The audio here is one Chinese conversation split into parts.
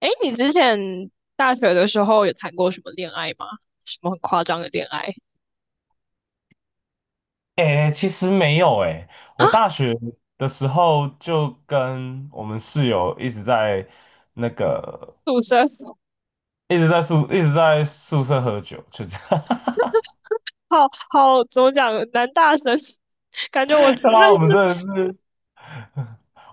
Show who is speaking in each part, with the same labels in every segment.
Speaker 1: 哎，你之前大学的时候有谈过什么恋爱吗？什么很夸张的恋爱？
Speaker 2: 诶，其实没有诶，
Speaker 1: 啊？
Speaker 2: 我大学的时候就跟我们室友一直在那个
Speaker 1: 赌神，
Speaker 2: 宿舍喝酒，就这样。
Speaker 1: 好好，怎么讲？男大神，感觉我
Speaker 2: 对啊，
Speaker 1: 认
Speaker 2: 我们真
Speaker 1: 识，
Speaker 2: 的是，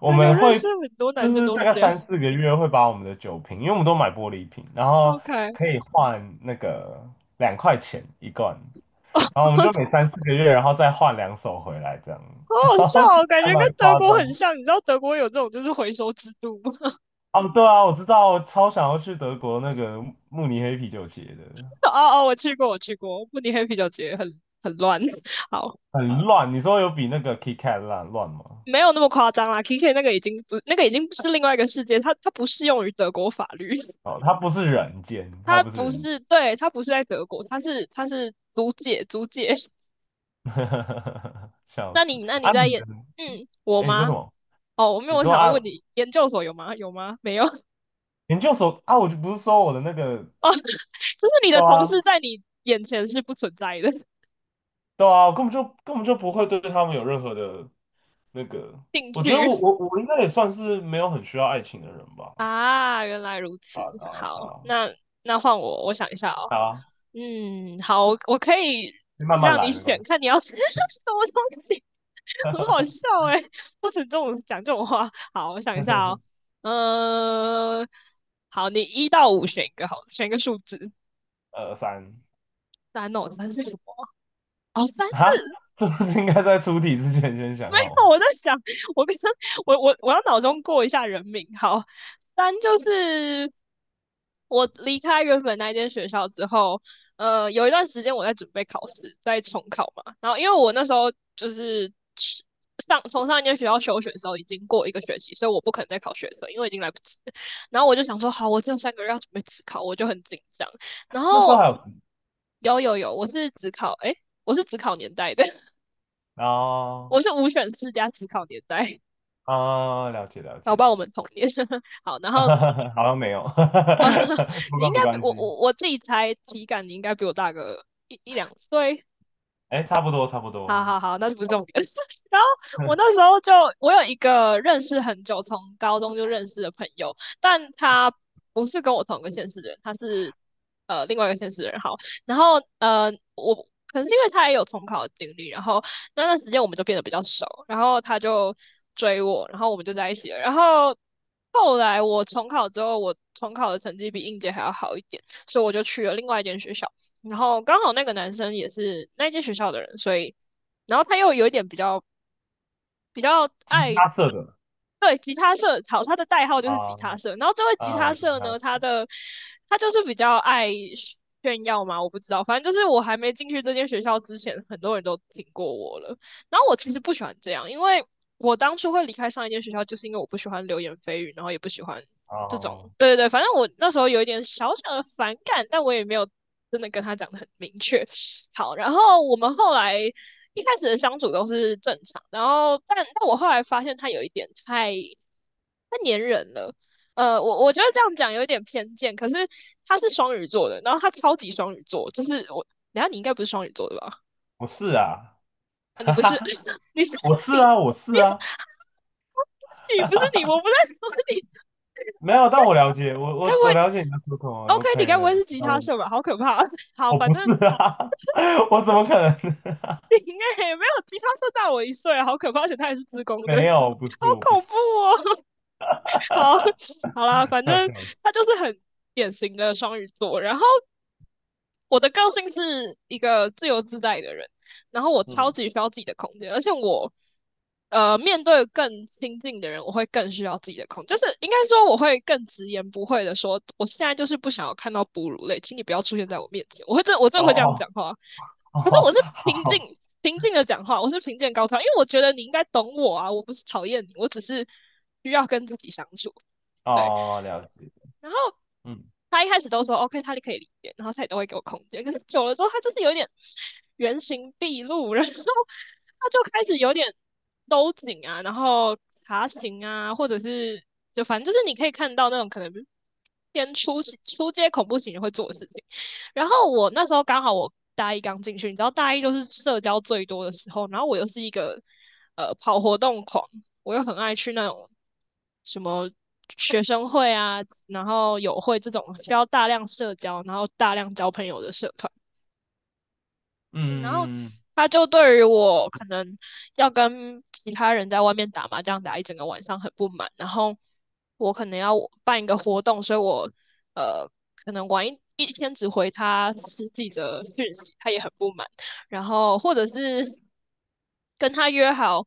Speaker 2: 我
Speaker 1: 感觉我
Speaker 2: 们
Speaker 1: 认
Speaker 2: 会
Speaker 1: 识很多
Speaker 2: 就
Speaker 1: 男生
Speaker 2: 是
Speaker 1: 都
Speaker 2: 大
Speaker 1: 是
Speaker 2: 概
Speaker 1: 这样。
Speaker 2: 三四个月会把我们的酒瓶，因为我们都买玻璃瓶，然后
Speaker 1: OK，
Speaker 2: 可 以换那个2块钱一罐，
Speaker 1: 哦，
Speaker 2: 然后我们
Speaker 1: 好
Speaker 2: 就每三四个月，然后再换两手回来，这样
Speaker 1: 好笑哦，感
Speaker 2: 还
Speaker 1: 觉跟
Speaker 2: 蛮
Speaker 1: 德
Speaker 2: 夸
Speaker 1: 国很
Speaker 2: 张。
Speaker 1: 像。你知道德国有这种就是回收制度吗？
Speaker 2: 哦，对啊，我知道，我超想要去德国那个慕尼黑啤酒节的，
Speaker 1: 哦哦，我去过，慕尼黑啤酒节很乱。好。
Speaker 2: 很啊乱。你说有比那个 KitKat 乱乱吗？
Speaker 1: 没有那么夸张啦，K K 那个已经不是另外一个世界，它不适用于德国法律。
Speaker 2: 哦，它不是人间，它
Speaker 1: 他
Speaker 2: 不是
Speaker 1: 不
Speaker 2: 人，
Speaker 1: 是，对，他不是在德国，他是租借租借。
Speaker 2: 笑
Speaker 1: 那
Speaker 2: 死
Speaker 1: 你那你
Speaker 2: 啊！
Speaker 1: 在
Speaker 2: 你
Speaker 1: 研，
Speaker 2: 的，
Speaker 1: 我
Speaker 2: 哎，你说什
Speaker 1: 吗？
Speaker 2: 么？
Speaker 1: 哦，我没有，
Speaker 2: 你
Speaker 1: 我
Speaker 2: 说
Speaker 1: 想要
Speaker 2: 啊，
Speaker 1: 问你，研究所有吗？有吗？没有。
Speaker 2: 研究所啊，我就不是说我的那个，
Speaker 1: 哦，就是你
Speaker 2: 对
Speaker 1: 的同
Speaker 2: 啊，
Speaker 1: 事在你眼前是不存在的。
Speaker 2: 对啊，我根本就不会对他们有任何的那个。
Speaker 1: 兴
Speaker 2: 我觉得我
Speaker 1: 趣。
Speaker 2: 我我应该也算是没有很需要爱情的人吧。
Speaker 1: 啊，原来如
Speaker 2: 啊
Speaker 1: 此。
Speaker 2: 啊
Speaker 1: 好，
Speaker 2: 啊，
Speaker 1: 那换我，我想一下哦。
Speaker 2: 好啊，
Speaker 1: 嗯，好，我可以
Speaker 2: 慢慢
Speaker 1: 让你
Speaker 2: 来，没关
Speaker 1: 选，
Speaker 2: 系。
Speaker 1: 看你要吃 什么东西，很好笑哎，不准这种讲这种话。好，我想一下哦。嗯、好，你1到5选一个好了选一个数字。
Speaker 2: 二三。
Speaker 1: 三哦，三是什么？哦，三四。
Speaker 2: 啊，这不是应该在出题之前先 想
Speaker 1: 没有，
Speaker 2: 好。
Speaker 1: 我在想，我刚刚我我我要脑中过一下人名。好，三就是我离开原本那间学校之后，有一段时间我在准备考试，在重考嘛。然后因为我那时候就是去从上一间学校休学的时候已经过一个学期，所以我不可能再考学测，因为已经来不及了。然后我就想说，好，我这3个月要准备自考，我就很紧张。然
Speaker 2: 那时候
Speaker 1: 后
Speaker 2: 还有时。
Speaker 1: 有有有，我是只考年代的，
Speaker 2: 哦，
Speaker 1: 我是5选4加只考年代。
Speaker 2: 啊，了解了
Speaker 1: 搞不
Speaker 2: 解，
Speaker 1: 好我们同年。好，然后
Speaker 2: 好像没有，
Speaker 1: 哦，
Speaker 2: 不
Speaker 1: 你
Speaker 2: 过
Speaker 1: 应该
Speaker 2: 没
Speaker 1: 比
Speaker 2: 关
Speaker 1: 我
Speaker 2: 系，
Speaker 1: 我我自己猜体感，你应该比我大个一两岁。
Speaker 2: 哎，差不多差不
Speaker 1: 好
Speaker 2: 多，
Speaker 1: 好好，那就不是重点。然后我 那时候就，我有一个认识很久，从高中就认识的朋友，但他不是跟我同一个县市的人，他是另外一个县市的人。好，然后我可能是因为他也有重考的经历，然后那段时间我们就变得比较熟，然后他就追我，然后我们就在一起了。然后后来我重考之后，我重考的成绩比应届还要好一点，所以我就去了另外一间学校。然后刚好那个男生也是那间学校的人，所以然后他又有一点比较
Speaker 2: 吉
Speaker 1: 爱。
Speaker 2: 他社的。
Speaker 1: 对，吉他社，好，他的代号就是吉
Speaker 2: 啊
Speaker 1: 他社。然后这位吉
Speaker 2: 啊，
Speaker 1: 他
Speaker 2: 吉
Speaker 1: 社
Speaker 2: 他
Speaker 1: 呢，
Speaker 2: 社。
Speaker 1: 他就是比较爱炫耀嘛，我不知道，反正就是我还没进去这间学校之前，很多人都听过我了。然后我其实不喜欢这样，因为我当初会离开上一间学校，就是因为我不喜欢流言蜚语，然后也不喜欢这
Speaker 2: 哦，
Speaker 1: 种，对对对，反正我那时候有一点小小的反感，但我也没有真的跟他讲的很明确。好，然后我们后来一开始的相处都是正常，然后但我后来发现他有一点太黏人了。我觉得这样讲有一点偏见，可是他是双鱼座的，然后他超级双鱼座，就是我，然下你应该不是双鱼座的吧？
Speaker 2: 我是啊，
Speaker 1: 啊你
Speaker 2: 哈
Speaker 1: 不是，
Speaker 2: 哈，
Speaker 1: 你是
Speaker 2: 我是
Speaker 1: 你，你
Speaker 2: 啊，我是啊，
Speaker 1: 你不是你，我 不在说你，
Speaker 2: 没有，但我了解，我
Speaker 1: 该
Speaker 2: 我我
Speaker 1: 不
Speaker 2: 了
Speaker 1: 会
Speaker 2: 解你在说什么
Speaker 1: OK？
Speaker 2: ，OK
Speaker 1: 你该不
Speaker 2: 的，
Speaker 1: 会是吉
Speaker 2: 那
Speaker 1: 他
Speaker 2: 我
Speaker 1: 社吧？好可怕！好，
Speaker 2: 我
Speaker 1: 反
Speaker 2: 不
Speaker 1: 正
Speaker 2: 是啊，我怎么可能？
Speaker 1: 你应该也没有吉他社大我1岁啊，好可怕，而且他也是自工的，
Speaker 2: 没有，不是，
Speaker 1: 好
Speaker 2: 我不
Speaker 1: 恐
Speaker 2: 是，
Speaker 1: 怖哦。好，好啦，反
Speaker 2: 快
Speaker 1: 正
Speaker 2: 笑死，
Speaker 1: 他就是很典型的双鱼座。然后我的个性是一个自由自在的人，然后我超
Speaker 2: 嗯。
Speaker 1: 级需要自己的空间，而且我面对更亲近的人，我会更需要自己的空间，就是应该说我会更直言不讳的说，我现在就是不想要看到哺乳类，请你不要出现在我面前。我真
Speaker 2: 哦
Speaker 1: 的会这样
Speaker 2: 哦
Speaker 1: 讲话，
Speaker 2: 哦，
Speaker 1: 可是我是平
Speaker 2: 好。
Speaker 1: 静平静的讲话，我是平静高调，因为我觉得你应该懂我啊，我不是讨厌你，我只是需要跟自己相处。对，
Speaker 2: 哦，了解，
Speaker 1: 然后
Speaker 2: 嗯
Speaker 1: 他一开始都说 OK，他可以理解，然后他也都会给我空间。可是久了之后，他就是有点原形毕露，然后他就开始有点收紧啊，然后爬行啊，或者是就反正就是你可以看到那种可能偏出街恐怖情人会做的事情。然后我那时候刚好我大一刚进去，你知道大一就是社交最多的时候，然后我又是一个跑活动狂，我又很爱去那种什么。学生会啊，然后友会这种需要大量社交，然后大量交朋友的社团，然后
Speaker 2: 嗯，
Speaker 1: 他就对于我可能要跟其他人在外面打麻将打一整个晚上很不满，然后我可能要办一个活动，所以我呃可能晚一天只回他十几的讯息，他也很不满，然后或者是跟他约好，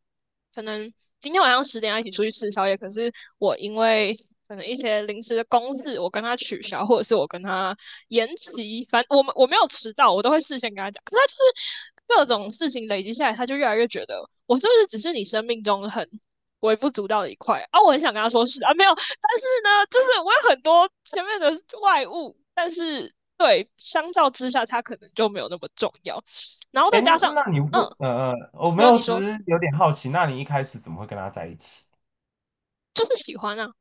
Speaker 1: 可能今天晚上10点要一起出去吃宵夜，可是我因为可能一些临时的公事，我跟他取消，或者是我跟他延期，反正我没有迟到，我都会事先跟他讲。可是他就是各种事情累积下来，他就越来越觉得我是不是只是你生命中很微不足道的一块啊？啊我很想跟他说是啊，没有，但是呢，就是我有很多前面的外物，但是对，相较之下，他可能就没有那么重要。然后再
Speaker 2: 哎，
Speaker 1: 加上，
Speaker 2: 那你为
Speaker 1: 嗯，
Speaker 2: 呃呃，我
Speaker 1: 你
Speaker 2: 没
Speaker 1: 说
Speaker 2: 有，
Speaker 1: 你
Speaker 2: 只
Speaker 1: 说，
Speaker 2: 是有点好奇，那你一开始怎么会跟他在一起？
Speaker 1: 就是喜欢啊，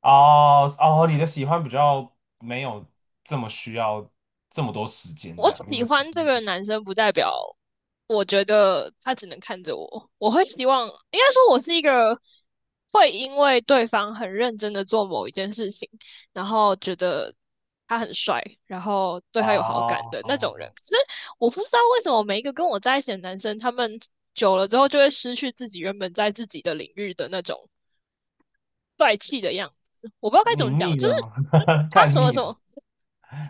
Speaker 2: 哦哦，你的喜欢比较没有这么需要这么多时间，
Speaker 1: 我
Speaker 2: 这样你
Speaker 1: 喜
Speaker 2: 们时
Speaker 1: 欢
Speaker 2: 间。
Speaker 1: 这个男生不代表我觉得他只能看着我，我会希望，应该说我是一个会因为对方很认真的做某一件事情，然后觉得他很帅，然后对他有好感的那种人。
Speaker 2: 哦，
Speaker 1: 可是我不知道为什么每一个跟我在一起的男生，他们久了之后就会失去自己原本在自己的领域的那种帅气的样子。我不知道该怎
Speaker 2: 你
Speaker 1: 么讲，
Speaker 2: 腻
Speaker 1: 就是
Speaker 2: 了吗？
Speaker 1: 他什
Speaker 2: 看
Speaker 1: 么
Speaker 2: 腻
Speaker 1: 什
Speaker 2: 了，
Speaker 1: 么，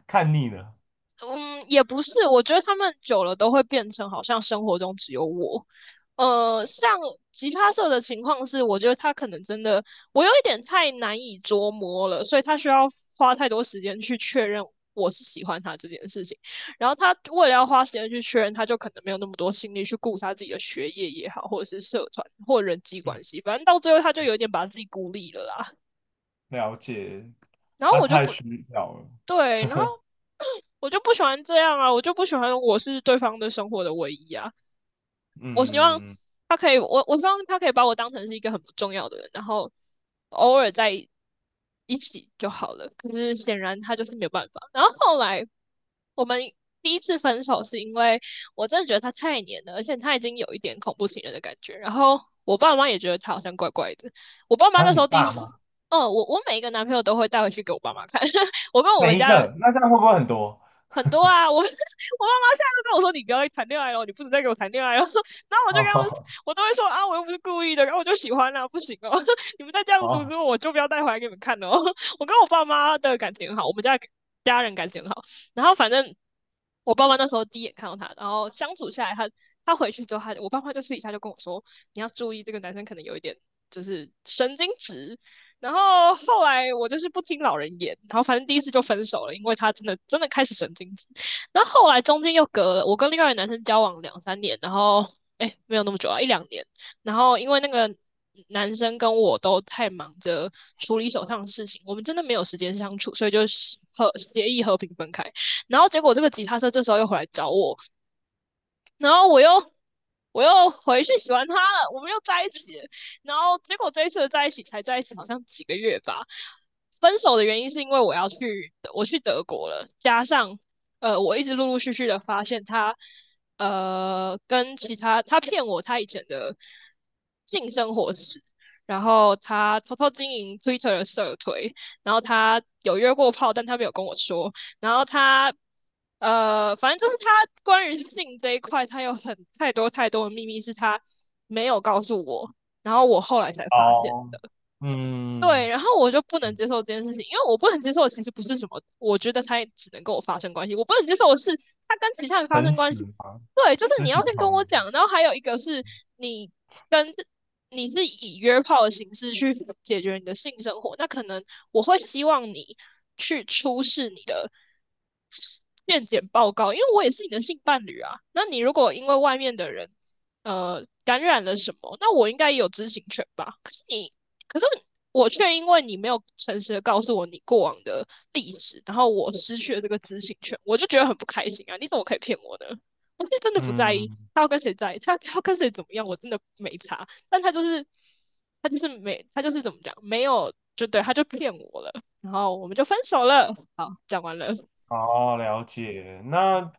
Speaker 2: 看腻了，
Speaker 1: 嗯，也不是，我觉得他们久了都会变成好像生活中只有我。像吉他社的情况是，我觉得他可能真的，我有一点太难以捉摸了，所以他需要花太多时间去确认我是喜欢他这件事情。然后他为了要花时间去确认，他就可能没有那么多心力去顾他自己的学业也好，或者是社团或人际
Speaker 2: 嗯，
Speaker 1: 关系，反正到最后他就有点把自己孤立了啦。
Speaker 2: 了解，
Speaker 1: 然后
Speaker 2: 他
Speaker 1: 我就
Speaker 2: 太
Speaker 1: 不
Speaker 2: 需要了，
Speaker 1: 对，然后我就不喜欢这样啊，我就不喜欢我是对方的生活的唯一啊。我希望
Speaker 2: 嗯，
Speaker 1: 他可以，我希望他可以把我当成是一个很不重要的人，然后偶尔在一起就好了。可是显然他就是没有办法。然后后来我们第一次分手是因为我真的觉得他太黏了，而且他已经有一点恐怖情人的感觉。然后我爸妈也觉得他好像怪怪的。我爸妈
Speaker 2: 啊，
Speaker 1: 那时
Speaker 2: 你
Speaker 1: 候第一
Speaker 2: 爸
Speaker 1: 次。
Speaker 2: 妈
Speaker 1: 哦，我每一个男朋友都会带回去给我爸妈看，我跟我们
Speaker 2: 每一
Speaker 1: 家
Speaker 2: 个，那这样会不会很多？
Speaker 1: 很多啊，我 我爸妈现在都跟我说，你不要再谈恋爱了，你不准再给我谈恋爱了。然后我就跟他们，
Speaker 2: 哦。
Speaker 1: 我都会说啊，我又不是故意的，然后我就喜欢啦、不行哦，你们再这样阻止
Speaker 2: 哦，
Speaker 1: 我，我就不要带回来给你们看了哦。我跟我爸妈的感情很好，我们家的家人感情很好。然后反正我爸妈那时候第一眼看到他，然后相处下来他，他回去之后他，我爸妈就私底下就跟我说，你要注意这个男生可能有一点就是神经质，然后后来我就是不听老人言，然后反正第一次就分手了，因为他真的真的开始神经质。然后后来中间又隔了，我跟另外一个男生交往两三年，然后哎没有那么久啊，一两年。然后因为那个男生跟我都太忙着处理手上的事情，我们真的没有时间相处，所以就是和协议和平分开。然后结果这个吉他社这时候又回来找我，然后我又回去喜欢他了，我们又在一起了。然后结果这一次在一起才在一起，好像几个月吧。分手的原因是因为我去德国了，加上我一直陆陆续续的发现他跟其他他骗我他以前的性生活史，然后他偷偷经营 Twitter 的社推，然后他有约过炮，但他没有跟我说。然后他反正就是他关于性这一块，他有很太多太多的秘密是他没有告诉我，然后我后来才发现。
Speaker 2: 哦，
Speaker 1: 对，
Speaker 2: 嗯，
Speaker 1: 然后我就不能接受这件事情，因为我不能接受的其实不是什么，我觉得他也只能跟我发生关系，我不能接受的是他跟其他人发
Speaker 2: 诚
Speaker 1: 生关
Speaker 2: 实
Speaker 1: 系。
Speaker 2: 嘛，
Speaker 1: 对，就是
Speaker 2: 知
Speaker 1: 你
Speaker 2: 情
Speaker 1: 要先跟
Speaker 2: 同
Speaker 1: 我
Speaker 2: 意，
Speaker 1: 讲，然后还有一个是你跟你是以约炮的形式去解决你的性生活，那可能我会希望你去出示你的健检报告，因为我也是你的性伴侣啊。那你如果因为外面的人感染了什么，那我应该也有知情权吧？可是你。可是我却因为你没有诚实的告诉我你过往的地址，然后我失去了这个知情权，我就觉得很不开心啊！你怎么可以骗我呢？我是真的不在意
Speaker 2: 嗯，
Speaker 1: 他要跟谁在意，他要跟谁怎么样，我真的没差。但他就是，他就是没，他就是怎么讲，没有就对，他就骗我了，然后我们就分手了。好，讲完了。
Speaker 2: 哦，了解。那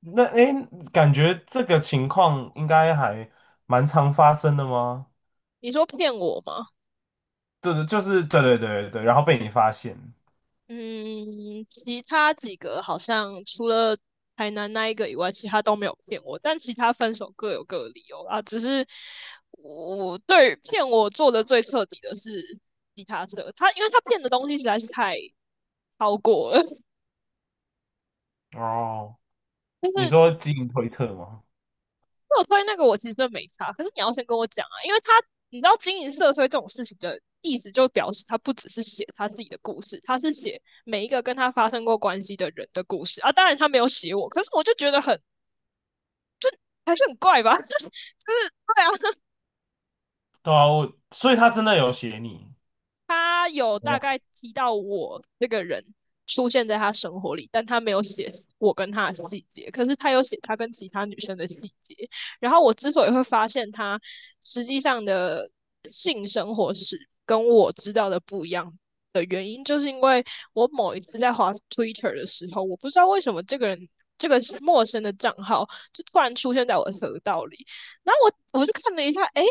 Speaker 2: 那诶，感觉这个情况应该还蛮常发生的吗？
Speaker 1: 你说骗我吗？
Speaker 2: 对对，就是对对对对，对。然后被你发现。
Speaker 1: 嗯，其他几个好像除了台南那一个以外，其他都没有骗我，但其他分手各有各的理由啊，只是我对于骗我做的最彻底的是吉他社，他因为他骗的东西实在是太超过了，
Speaker 2: 哦，
Speaker 1: 就
Speaker 2: 你
Speaker 1: 是
Speaker 2: 说基因推特吗？
Speaker 1: 社推那个我其实真的没差，可是你要先跟我讲啊，因为他你知道经营社推这种事情的意思，就表示他不只是写他自己的故事，他是写每一个跟他发生过关系的人的故事啊。当然他没有写我，可是我就觉得很。还是很怪吧？就是对啊，
Speaker 2: 对啊，我所以他真的有写你。
Speaker 1: 他有
Speaker 2: 没
Speaker 1: 大
Speaker 2: 有。
Speaker 1: 概提到我这个人出现在他生活里，但他没有写我跟他的细节，可是他有写他跟其他女生的细节。然后我之所以会发现他实际上的性生活是跟我知道的不一样的原因，就是因为我某一次在滑 Twitter 的时候，我不知道为什么这个人。这个是陌生的账号，就突然出现在我的河道里，然后我就看了一下，诶，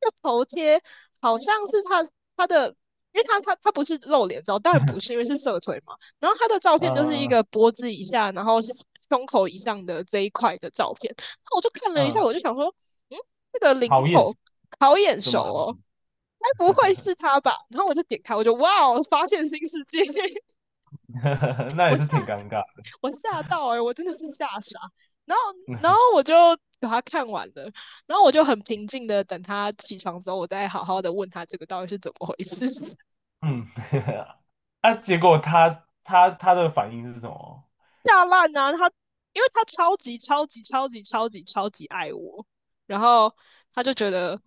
Speaker 1: 这头贴好像是他他的因为他不是露脸照，当然不是，因为是社腿嘛。然后他的照片就是一
Speaker 2: 嗯
Speaker 1: 个脖子以下，然后胸口以上的这一块的照片。那我就看了一下，
Speaker 2: 嗯，
Speaker 1: 我就想说，嗯，这个领
Speaker 2: 好眼熟，
Speaker 1: 口好眼
Speaker 2: 这
Speaker 1: 熟
Speaker 2: 么好，
Speaker 1: 哦，该不会是他吧？然后我就点开，我就哇哦，发现新世界，
Speaker 2: 那也
Speaker 1: 我
Speaker 2: 是
Speaker 1: 吓
Speaker 2: 挺尴尬。
Speaker 1: 我吓到我真的是吓傻。然后然后我就把他看完了，然后我就很平静的等他起床之后，我再好好的问他这个到底是怎么回事。
Speaker 2: 嗯，啊，结果他的反应是什么？
Speaker 1: 下烂啊！他因为他超级超级超级超级超级爱我，然后他就觉得，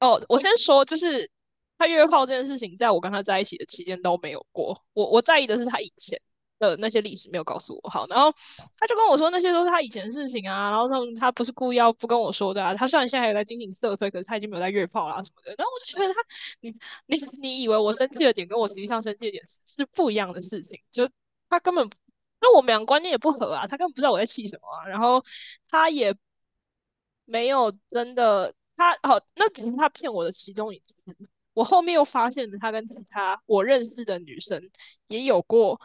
Speaker 1: 哦，我先说，就是他约炮这件事情，在我跟他在一起的期间都没有过。我在意的是他以前的那些历史没有告诉我。好，然后他就跟我说那些都是他以前的事情啊，然后他不是故意要不跟我说的啊。他虽然现在还有在经营色推，可是他已经没有在约炮啦、什么的。然后我就觉得他，你你以为我生气的点跟我实际上生气的点是不一样的事情，就他根本那我们俩观念也不合啊，他根本不知道我在气什么啊，然后他也没有真的，他好，那只是他骗我的其中一次。我后面又发现了他跟其他我认识的女生也有过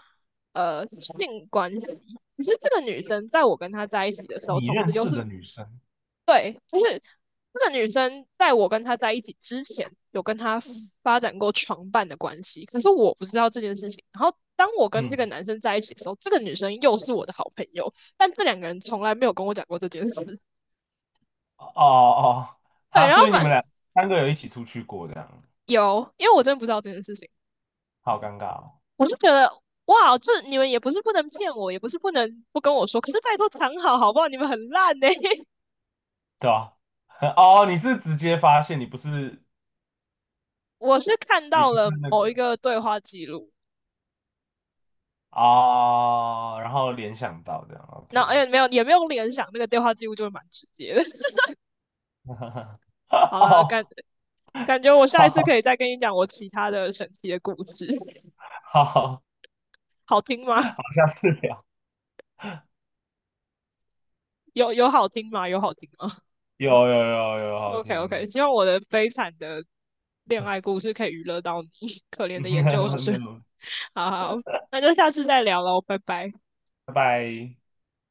Speaker 1: 性关系，可是这个女生在我跟她在一起的时候，
Speaker 2: 你
Speaker 1: 同
Speaker 2: 认
Speaker 1: 时又
Speaker 2: 识
Speaker 1: 是
Speaker 2: 的女生，
Speaker 1: 对，就是这个女生在我跟她在一起之前，有跟她发展过床伴的关系，可是我不知道这件事情。然后当我跟这
Speaker 2: 嗯，
Speaker 1: 个男生在一起的时候，这个女生又是我的好朋友，但这两个人从来没有跟我讲过这件事。
Speaker 2: 哦哦，
Speaker 1: 对，
Speaker 2: 好，
Speaker 1: 然后
Speaker 2: 所以你们俩三个有一起出去过，这样，
Speaker 1: 有，因为我真的不知道这件事情，
Speaker 2: 好尴尬哦，
Speaker 1: 我就觉得哇，这你们也不是不能骗我，也不是不能不跟我说，可是拜托藏好好不好？你们很烂呢、
Speaker 2: 对吧？哦，你是直接发现，你不是
Speaker 1: 我是看
Speaker 2: 你
Speaker 1: 到
Speaker 2: 不是
Speaker 1: 了
Speaker 2: 那
Speaker 1: 某一
Speaker 2: 个。
Speaker 1: 个对话记录，
Speaker 2: 哦，然后联想到这样
Speaker 1: 那
Speaker 2: ，OK，
Speaker 1: 哎没有也没有联想，那个对话记录就是蛮直接的。好了，感
Speaker 2: 哦，
Speaker 1: 感觉我下一次可以
Speaker 2: 好
Speaker 1: 再跟你讲我其他的神奇的故事，
Speaker 2: 好好，好，
Speaker 1: 好听吗？
Speaker 2: 下次聊，
Speaker 1: 有好听吗？有好听吗
Speaker 2: 有有有有，好
Speaker 1: ？OK
Speaker 2: 听，
Speaker 1: OK，希望我的悲惨的恋爱故事可以娱乐到你，可怜的研究
Speaker 2: 没
Speaker 1: 生。
Speaker 2: 有，
Speaker 1: 好好，那就下次再聊喽，拜拜。
Speaker 2: 拜拜。